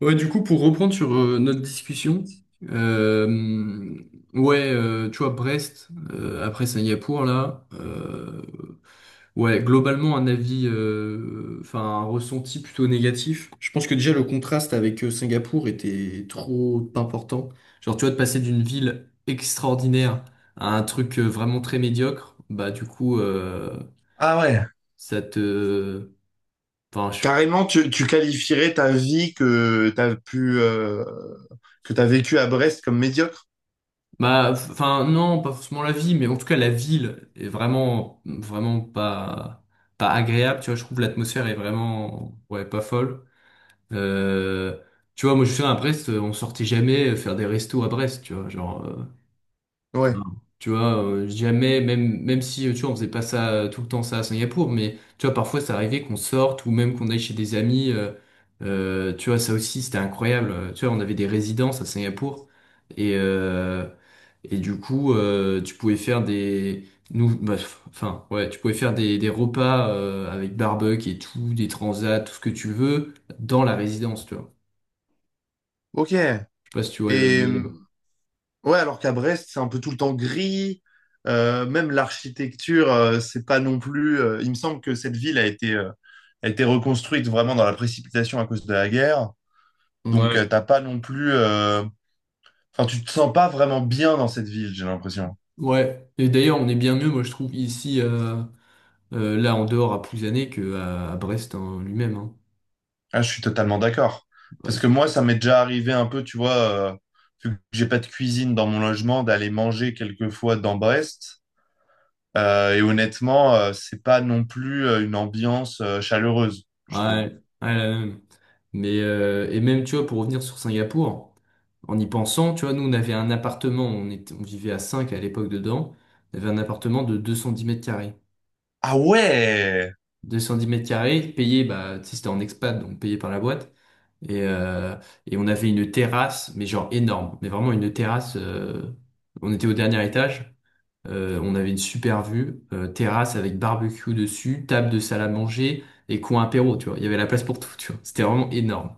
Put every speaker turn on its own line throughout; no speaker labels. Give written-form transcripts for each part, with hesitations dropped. Ouais, du coup, pour reprendre sur notre discussion, euh, ouais, tu vois, Brest, après Singapour, là, ouais, globalement, un avis, enfin, un ressenti plutôt négatif. Je pense que déjà, le contraste avec Singapour était trop important. Genre, tu vois, de passer d'une ville extraordinaire à un truc vraiment très médiocre, bah, du coup,
Ah ouais.
ça te... Enfin,
Carrément, tu qualifierais ta vie que t'as pu que t'as vécu à Brest comme médiocre?
bah, enfin, non, pas forcément la vie, mais en tout cas, la ville est vraiment, vraiment pas agréable, tu vois, je trouve l'atmosphère est vraiment, ouais, pas folle. Euh, Tu vois, moi, je suis à Brest, on sortait jamais faire des restos à Brest, tu vois, genre,
Ouais.
tu vois, jamais, même si, tu vois, on faisait pas ça tout le temps, ça à Singapour, mais tu vois, parfois, ça arrivait qu'on sorte ou même qu'on aille chez des amis. Tu vois, ça aussi, c'était incroyable. Tu vois, on avait des résidences à Singapour et, euh, et du coup, tu pouvais faire des, nous, bah, f- enfin, ouais, tu pouvais faire des, repas avec barbecue et tout, des transats, tout ce que tu veux, dans la résidence, tu vois.
Ok. Et
Je sais pas si tu vois le délire.
ouais, alors qu'à Brest, c'est un peu tout le temps gris. Même l'architecture, c'est pas non plus. Il me semble que cette ville a été reconstruite vraiment dans la précipitation à cause de la guerre. Donc
Ouais.
t'as pas non plus. Enfin, tu te sens pas vraiment bien dans cette ville, j'ai l'impression.
Ouais, et d'ailleurs on est bien mieux, moi je trouve, ici, là, en dehors à Plouzané que à Brest en lui-même, hein.
Ah, je suis totalement d'accord. Parce
Parce
que
que-
moi, ça m'est déjà arrivé un peu, tu vois, vu que j'ai pas de cuisine dans mon logement, d'aller manger quelquefois dans Brest. Et honnêtement, c'est pas non plus une ambiance chaleureuse, je trouve.
Ouais, ouais, la même. Mais et même, tu vois, pour revenir sur Singapour, en y pensant, tu vois, nous, on avait un appartement, on vivait à 5 à l'époque dedans, on avait un appartement de 210 mètres carrés.
Ah ouais!
210 mètres carrés, payé, bah, tu sais, c'était en expat, donc payé par la boîte. Et, euh, et on avait une terrasse, mais genre énorme, mais vraiment une terrasse. On était au dernier étage. On avait une super vue, terrasse avec barbecue dessus, table de salle à manger et coin apéro, tu vois. Il y avait la place pour tout, tu vois. C'était vraiment énorme.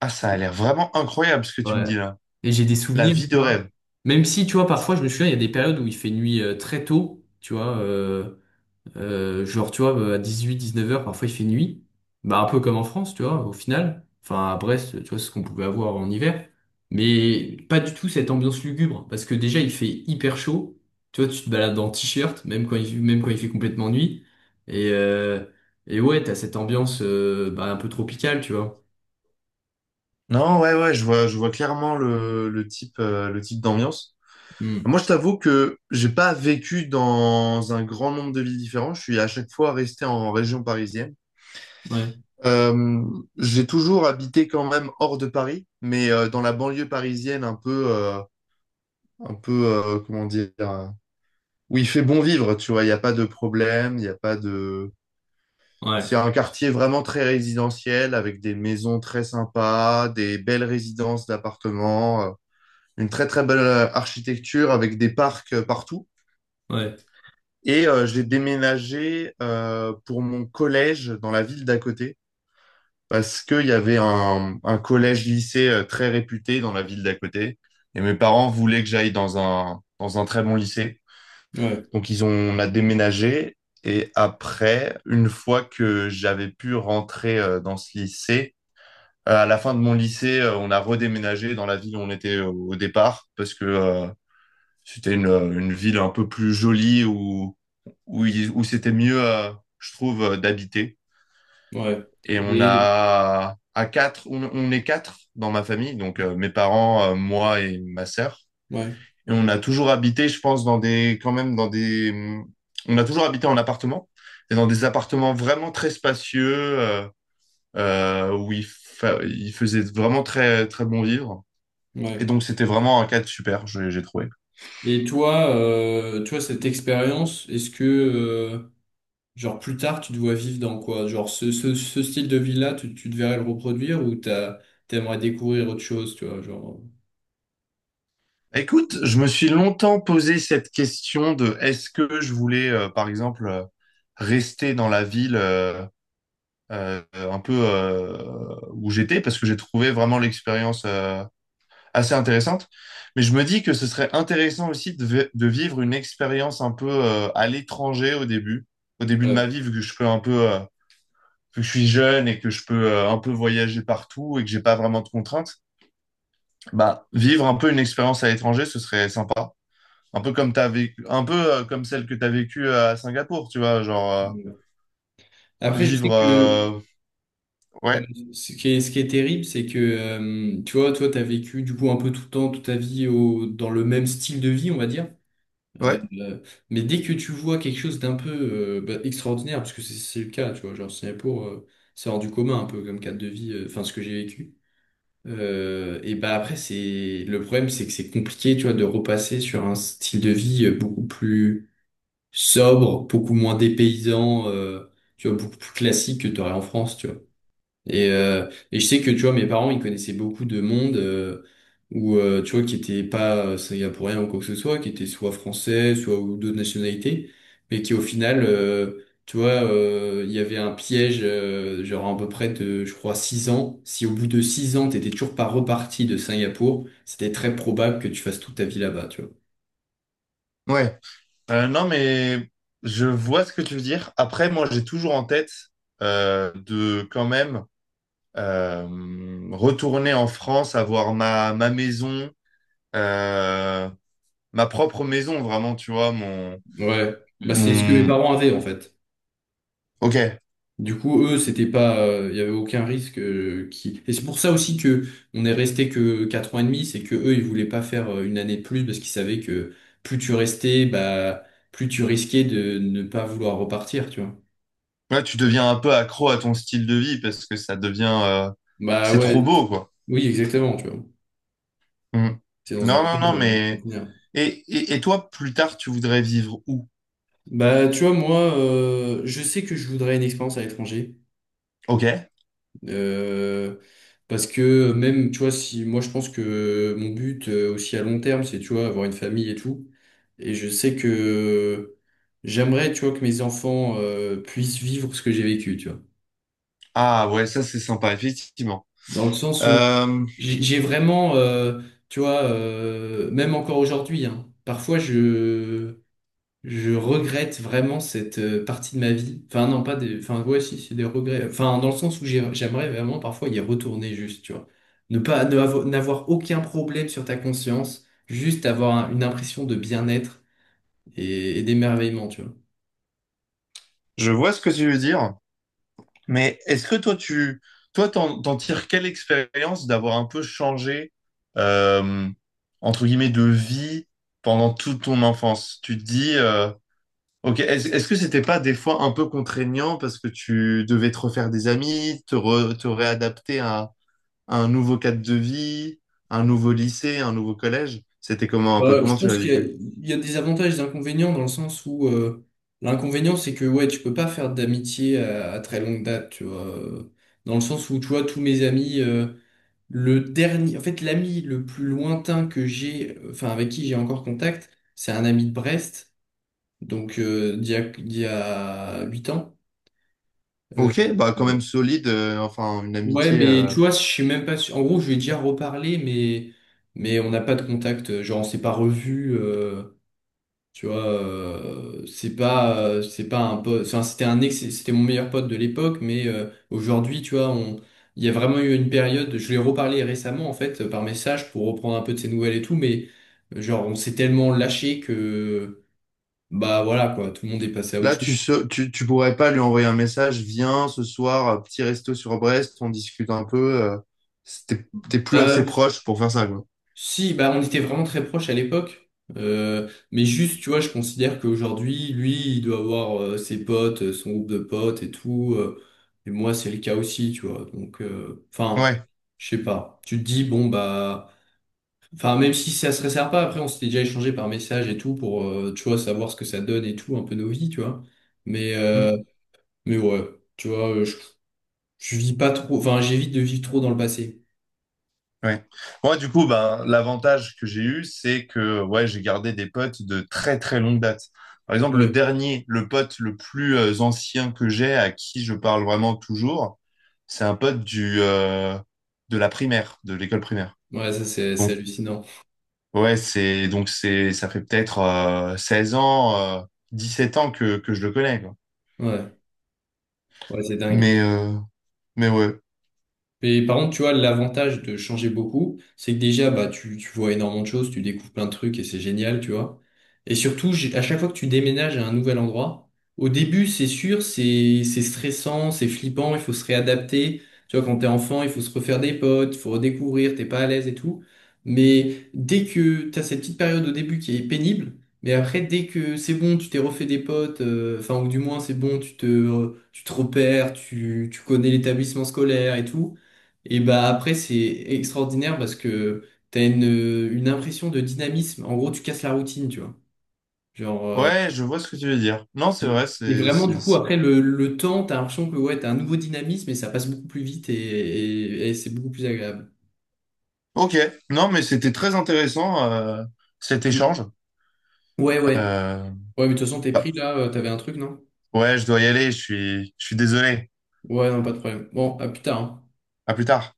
Ah, ça a l'air vraiment incroyable ce que tu me
Ouais.
dis là.
Et j'ai des
La
souvenirs,
vie
tu
de
vois.
rêve.
Même si, tu vois, parfois, je me souviens, il y a des périodes où il fait nuit très tôt, tu vois. Genre, tu vois, à 18-19 heures parfois il fait nuit. Bah, un peu comme en France, tu vois, au final. Enfin, à Brest, tu vois, c'est ce qu'on pouvait avoir en hiver. Mais pas du tout cette ambiance lugubre. Parce que déjà, il fait hyper chaud. Tu vois, tu te balades en t-shirt, même quand il fait complètement nuit. Et, euh, et ouais, t'as cette ambiance bah, un peu tropicale, tu vois.
Non, ouais, ouais, je vois clairement le type, le type d'ambiance.
Hmm.
Moi, je t'avoue que j'ai pas vécu dans un grand nombre de villes différentes. Je suis à chaque fois resté en région parisienne.
Ouais,
Euh, j'ai toujours habité quand même hors de Paris, mais dans la banlieue parisienne, un peu, comment dire, où il fait bon vivre, tu vois, il n'y a pas de problème, il n'y a pas de... C'est
ouais,
un quartier vraiment très résidentiel, avec des maisons très sympas, des belles résidences d'appartements, une très très belle architecture avec des parcs partout.
ouais.
Et j'ai déménagé pour mon collège dans la ville d'à côté, parce qu'il y avait un collège-lycée très réputé dans la ville d'à côté. Et mes parents voulaient que j'aille dans un très bon lycée.
Ouais,
Donc, ils ont, on a déménagé. Et après, une fois que j'avais pu rentrer dans ce lycée, à la fin de mon lycée, on a redéménagé dans la ville où on était au départ parce que c'était une ville un peu plus jolie où, où, où c'était mieux, je trouve, d'habiter.
ouais.
Et on
Et,
a à quatre, on est quatre dans ma famille, donc mes parents, moi et ma sœur.
ouais,
Et on a toujours habité, je pense, quand même on a toujours habité en appartement et dans des appartements vraiment très spacieux euh, où il faisait vraiment très très bon vivre. Et
ouais.
donc c'était vraiment un cadre super, j'ai trouvé.
Et toi, toi, cette expérience, est-ce que, genre plus tard, tu te vois vivre dans quoi? Genre ce style de vie-là, tu te verrais le reproduire ou t'aimerais découvrir autre chose, tu vois, genre.
Écoute, je me suis longtemps posé cette question de est-ce que je voulais, par exemple, rester dans la ville, un peu où j'étais parce que j'ai trouvé vraiment l'expérience assez intéressante. Mais je me dis que ce serait intéressant aussi de, de vivre une expérience un peu à l'étranger au début de ma
Ouais.
vie, vu que je peux un peu, que je suis jeune et que je peux un peu voyager partout et que j'ai pas vraiment de contraintes. Bah, vivre un peu une expérience à l'étranger, ce serait sympa. Un peu comme t'as vécu, un peu comme celle que tu as vécue à Singapour, tu vois, genre
Après, je sais
vivre.
que ouais,
Ouais,
ce qui est terrible, c'est que tu vois, toi, t'as vécu du coup un peu tout le temps, toute ta vie dans le même style de vie, on va dire. Euh,
ouais,
euh, mais dès que tu vois quelque chose d'un peu bah, extraordinaire, parce que c'est le cas, tu vois, genre Singapour, c'est hors du commun un peu comme cadre de vie, enfin ce que j'ai vécu. Et bah après, c'est le problème, c'est que c'est compliqué, tu vois, de repasser sur un style de vie beaucoup plus sobre, beaucoup moins dépaysant, tu vois, beaucoup plus classique que tu aurais en France, tu vois. Et, et je sais que, tu vois, mes parents, ils connaissaient beaucoup de monde où, tu vois, qui était pas ça y a pour rien ou quoi que ce soit, qui était soit français, soit ou d'autres nationalités, mais qui, au final, tu vois, il y avait un piège, genre à peu près de, je crois, 6 ans. Si au bout de 6 ans, t'étais toujours pas reparti de Singapour, c'était très probable que tu fasses toute ta vie là-bas, tu vois.
ouais. Non, mais je vois ce que tu veux dire. Après, moi, j'ai toujours en tête de quand même euh, retourner en France, avoir ma maison, euh, ma propre maison, vraiment, tu vois, mon,
Ouais.
Mm.
Bah, c'est ce que mes
Mon...
parents avaient, en fait.
Ok,
Du coup, eux, c'était pas, il y avait aucun risque qui. Et c'est pour ça aussi que on est resté que 4 ans et demi, c'est que eux, ils voulaient pas faire une année de plus parce qu'ils savaient que plus tu restais, bah, plus tu risquais de ne pas vouloir repartir, tu vois.
là, tu deviens un peu accro à ton style de vie parce que ça devient...
Bah
C'est trop
ouais,
beau, quoi.
oui, exactement, tu vois.
Mm.
C'est dans un
Non, non,
cadre
non, mais...
contenir.
Et toi, plus tard, tu voudrais vivre où?
Bah, tu vois, moi, je sais que je voudrais une expérience à l'étranger.
Ok.
Euh, Parce que même, tu vois, si moi je pense que mon but aussi à long terme, c'est, tu vois, avoir une famille et tout. Et je sais que j'aimerais, tu vois, que mes enfants puissent vivre ce que j'ai vécu, tu vois.
Ah ouais, ça, c'est sympa, effectivement.
Dans le sens où
Euh,
j'ai vraiment, tu vois, même encore aujourd'hui, hein, parfois je regrette vraiment cette partie de ma vie. Enfin, non, pas des. Enfin, ouais, si, c'est des regrets. Enfin, dans le sens où j'aimerais vraiment parfois y retourner juste, tu vois. Ne pas, ne avo- N'avoir aucun problème sur ta conscience, juste avoir une impression de bien-être et d'émerveillement, tu vois.
Je vois ce que tu veux dire, mais est-ce que toi, t'en tires quelle expérience d'avoir un peu changé, euh, entre guillemets, de vie pendant toute ton enfance? Tu te dis, ok, est-ce que c'était pas des fois un peu contraignant parce que tu devais te refaire des amis, te réadapter à un nouveau cadre de vie, un nouveau lycée, un nouveau collège? C'était comment un peu?
Bah, je
Comment tu
pense
l'as
qu'il y a,
vécu?
il y a des avantages et des inconvénients dans le sens où l'inconvénient, c'est que, ouais, tu peux pas faire d'amitié à, très longue date, tu vois. Dans le sens où, tu vois, tous mes amis. Le dernier, en fait, l'ami le plus lointain que j'ai, enfin avec qui j'ai encore contact, c'est un ami de Brest, donc d'il y a 8 ans. Euh,
Ok, bah quand même
euh,
solide, enfin une
ouais,
amitié.
mais tu vois, je suis même pas sûr. En gros, je lui ai déjà reparlé, mais on n'a pas de contact. Genre, on s'est pas revu. Tu vois, c'est pas un pote. Enfin, c'était un ex, c'était mon meilleur pote de l'époque, mais aujourd'hui, tu vois, il y a vraiment eu une période. Je lui ai reparlé récemment, en fait, par message pour reprendre un peu de ses nouvelles et tout, mais genre, on s'est tellement lâché que, bah voilà, quoi, tout le monde est passé à autre
Là,
chose.
tu pourrais pas lui envoyer un message, viens ce soir, petit resto sur Brest, on discute un peu. T'es plus assez
Ouais,
proche pour faire ça, quoi.
si, bah, on était vraiment très proches à l'époque. Mais juste, tu vois, je considère qu'aujourd'hui, lui, il doit avoir ses potes, son groupe de potes et tout. Et moi, c'est le cas aussi, tu vois. Donc, enfin,
Ouais.
je sais pas. Tu te dis, bon, bah, enfin, même si ça se resserre pas, après, on s'était déjà échangé par message et tout pour, tu vois, savoir ce que ça donne et tout, un peu nos vies, tu vois. Mais, euh,
Mm.
mais ouais, tu vois, je vis pas trop, enfin, j'évite de vivre trop dans le passé.
Ouais. Moi, du coup, ben, l'avantage que j'ai eu, c'est que ouais, j'ai gardé des potes de très très longue date. Par exemple, le
Ouais,
dernier, le pote le plus ancien que j'ai, à qui je parle vraiment toujours, c'est un pote de la primaire, de l'école primaire.
ouais, ça, c'est hallucinant.
Ouais, c'est donc c'est ça fait peut-être 16 ans, sept ans que je le connais, quoi.
Ouais, ouais, c'est dingue.
Mais euh, mais ouais.
Mais par contre, tu vois, l'avantage de changer beaucoup, c'est que déjà, bah, tu vois énormément de choses, tu découvres plein de trucs et c'est génial, tu vois. Et surtout, à chaque fois que tu déménages à un nouvel endroit, au début, c'est sûr, c'est stressant, c'est flippant, il faut se réadapter. Tu vois, quand t'es enfant, il faut se refaire des potes, il faut redécouvrir, t'es pas à l'aise et tout. Mais dès que t'as cette petite période au début qui est pénible, mais après, dès que c'est bon, tu t'es refait des potes, enfin, ou du moins, c'est bon, tu te repères, tu connais l'établissement scolaire et tout. Et bah après, c'est extraordinaire parce que t'as une impression de dynamisme. En gros, tu casses la routine, tu vois. Genre,
Ouais, je vois ce que tu veux dire. Non, c'est
et
vrai,
et vraiment, du coup,
c'est-
après le temps, t'as l'impression que ouais, t'as un nouveau dynamisme et ça passe beaucoup plus vite et c'est beaucoup plus agréable.
OK. Non, mais c'était très intéressant cet
Mm.
échange.
Ouais, ouais.
Euh,
Ouais, mais de toute façon, t'es pris
Bah,
là, t'avais un truc, non?
ouais, je dois y aller, je suis désolé.
Ouais, non, pas de problème. Bon, à plus tard, hein.
À plus tard.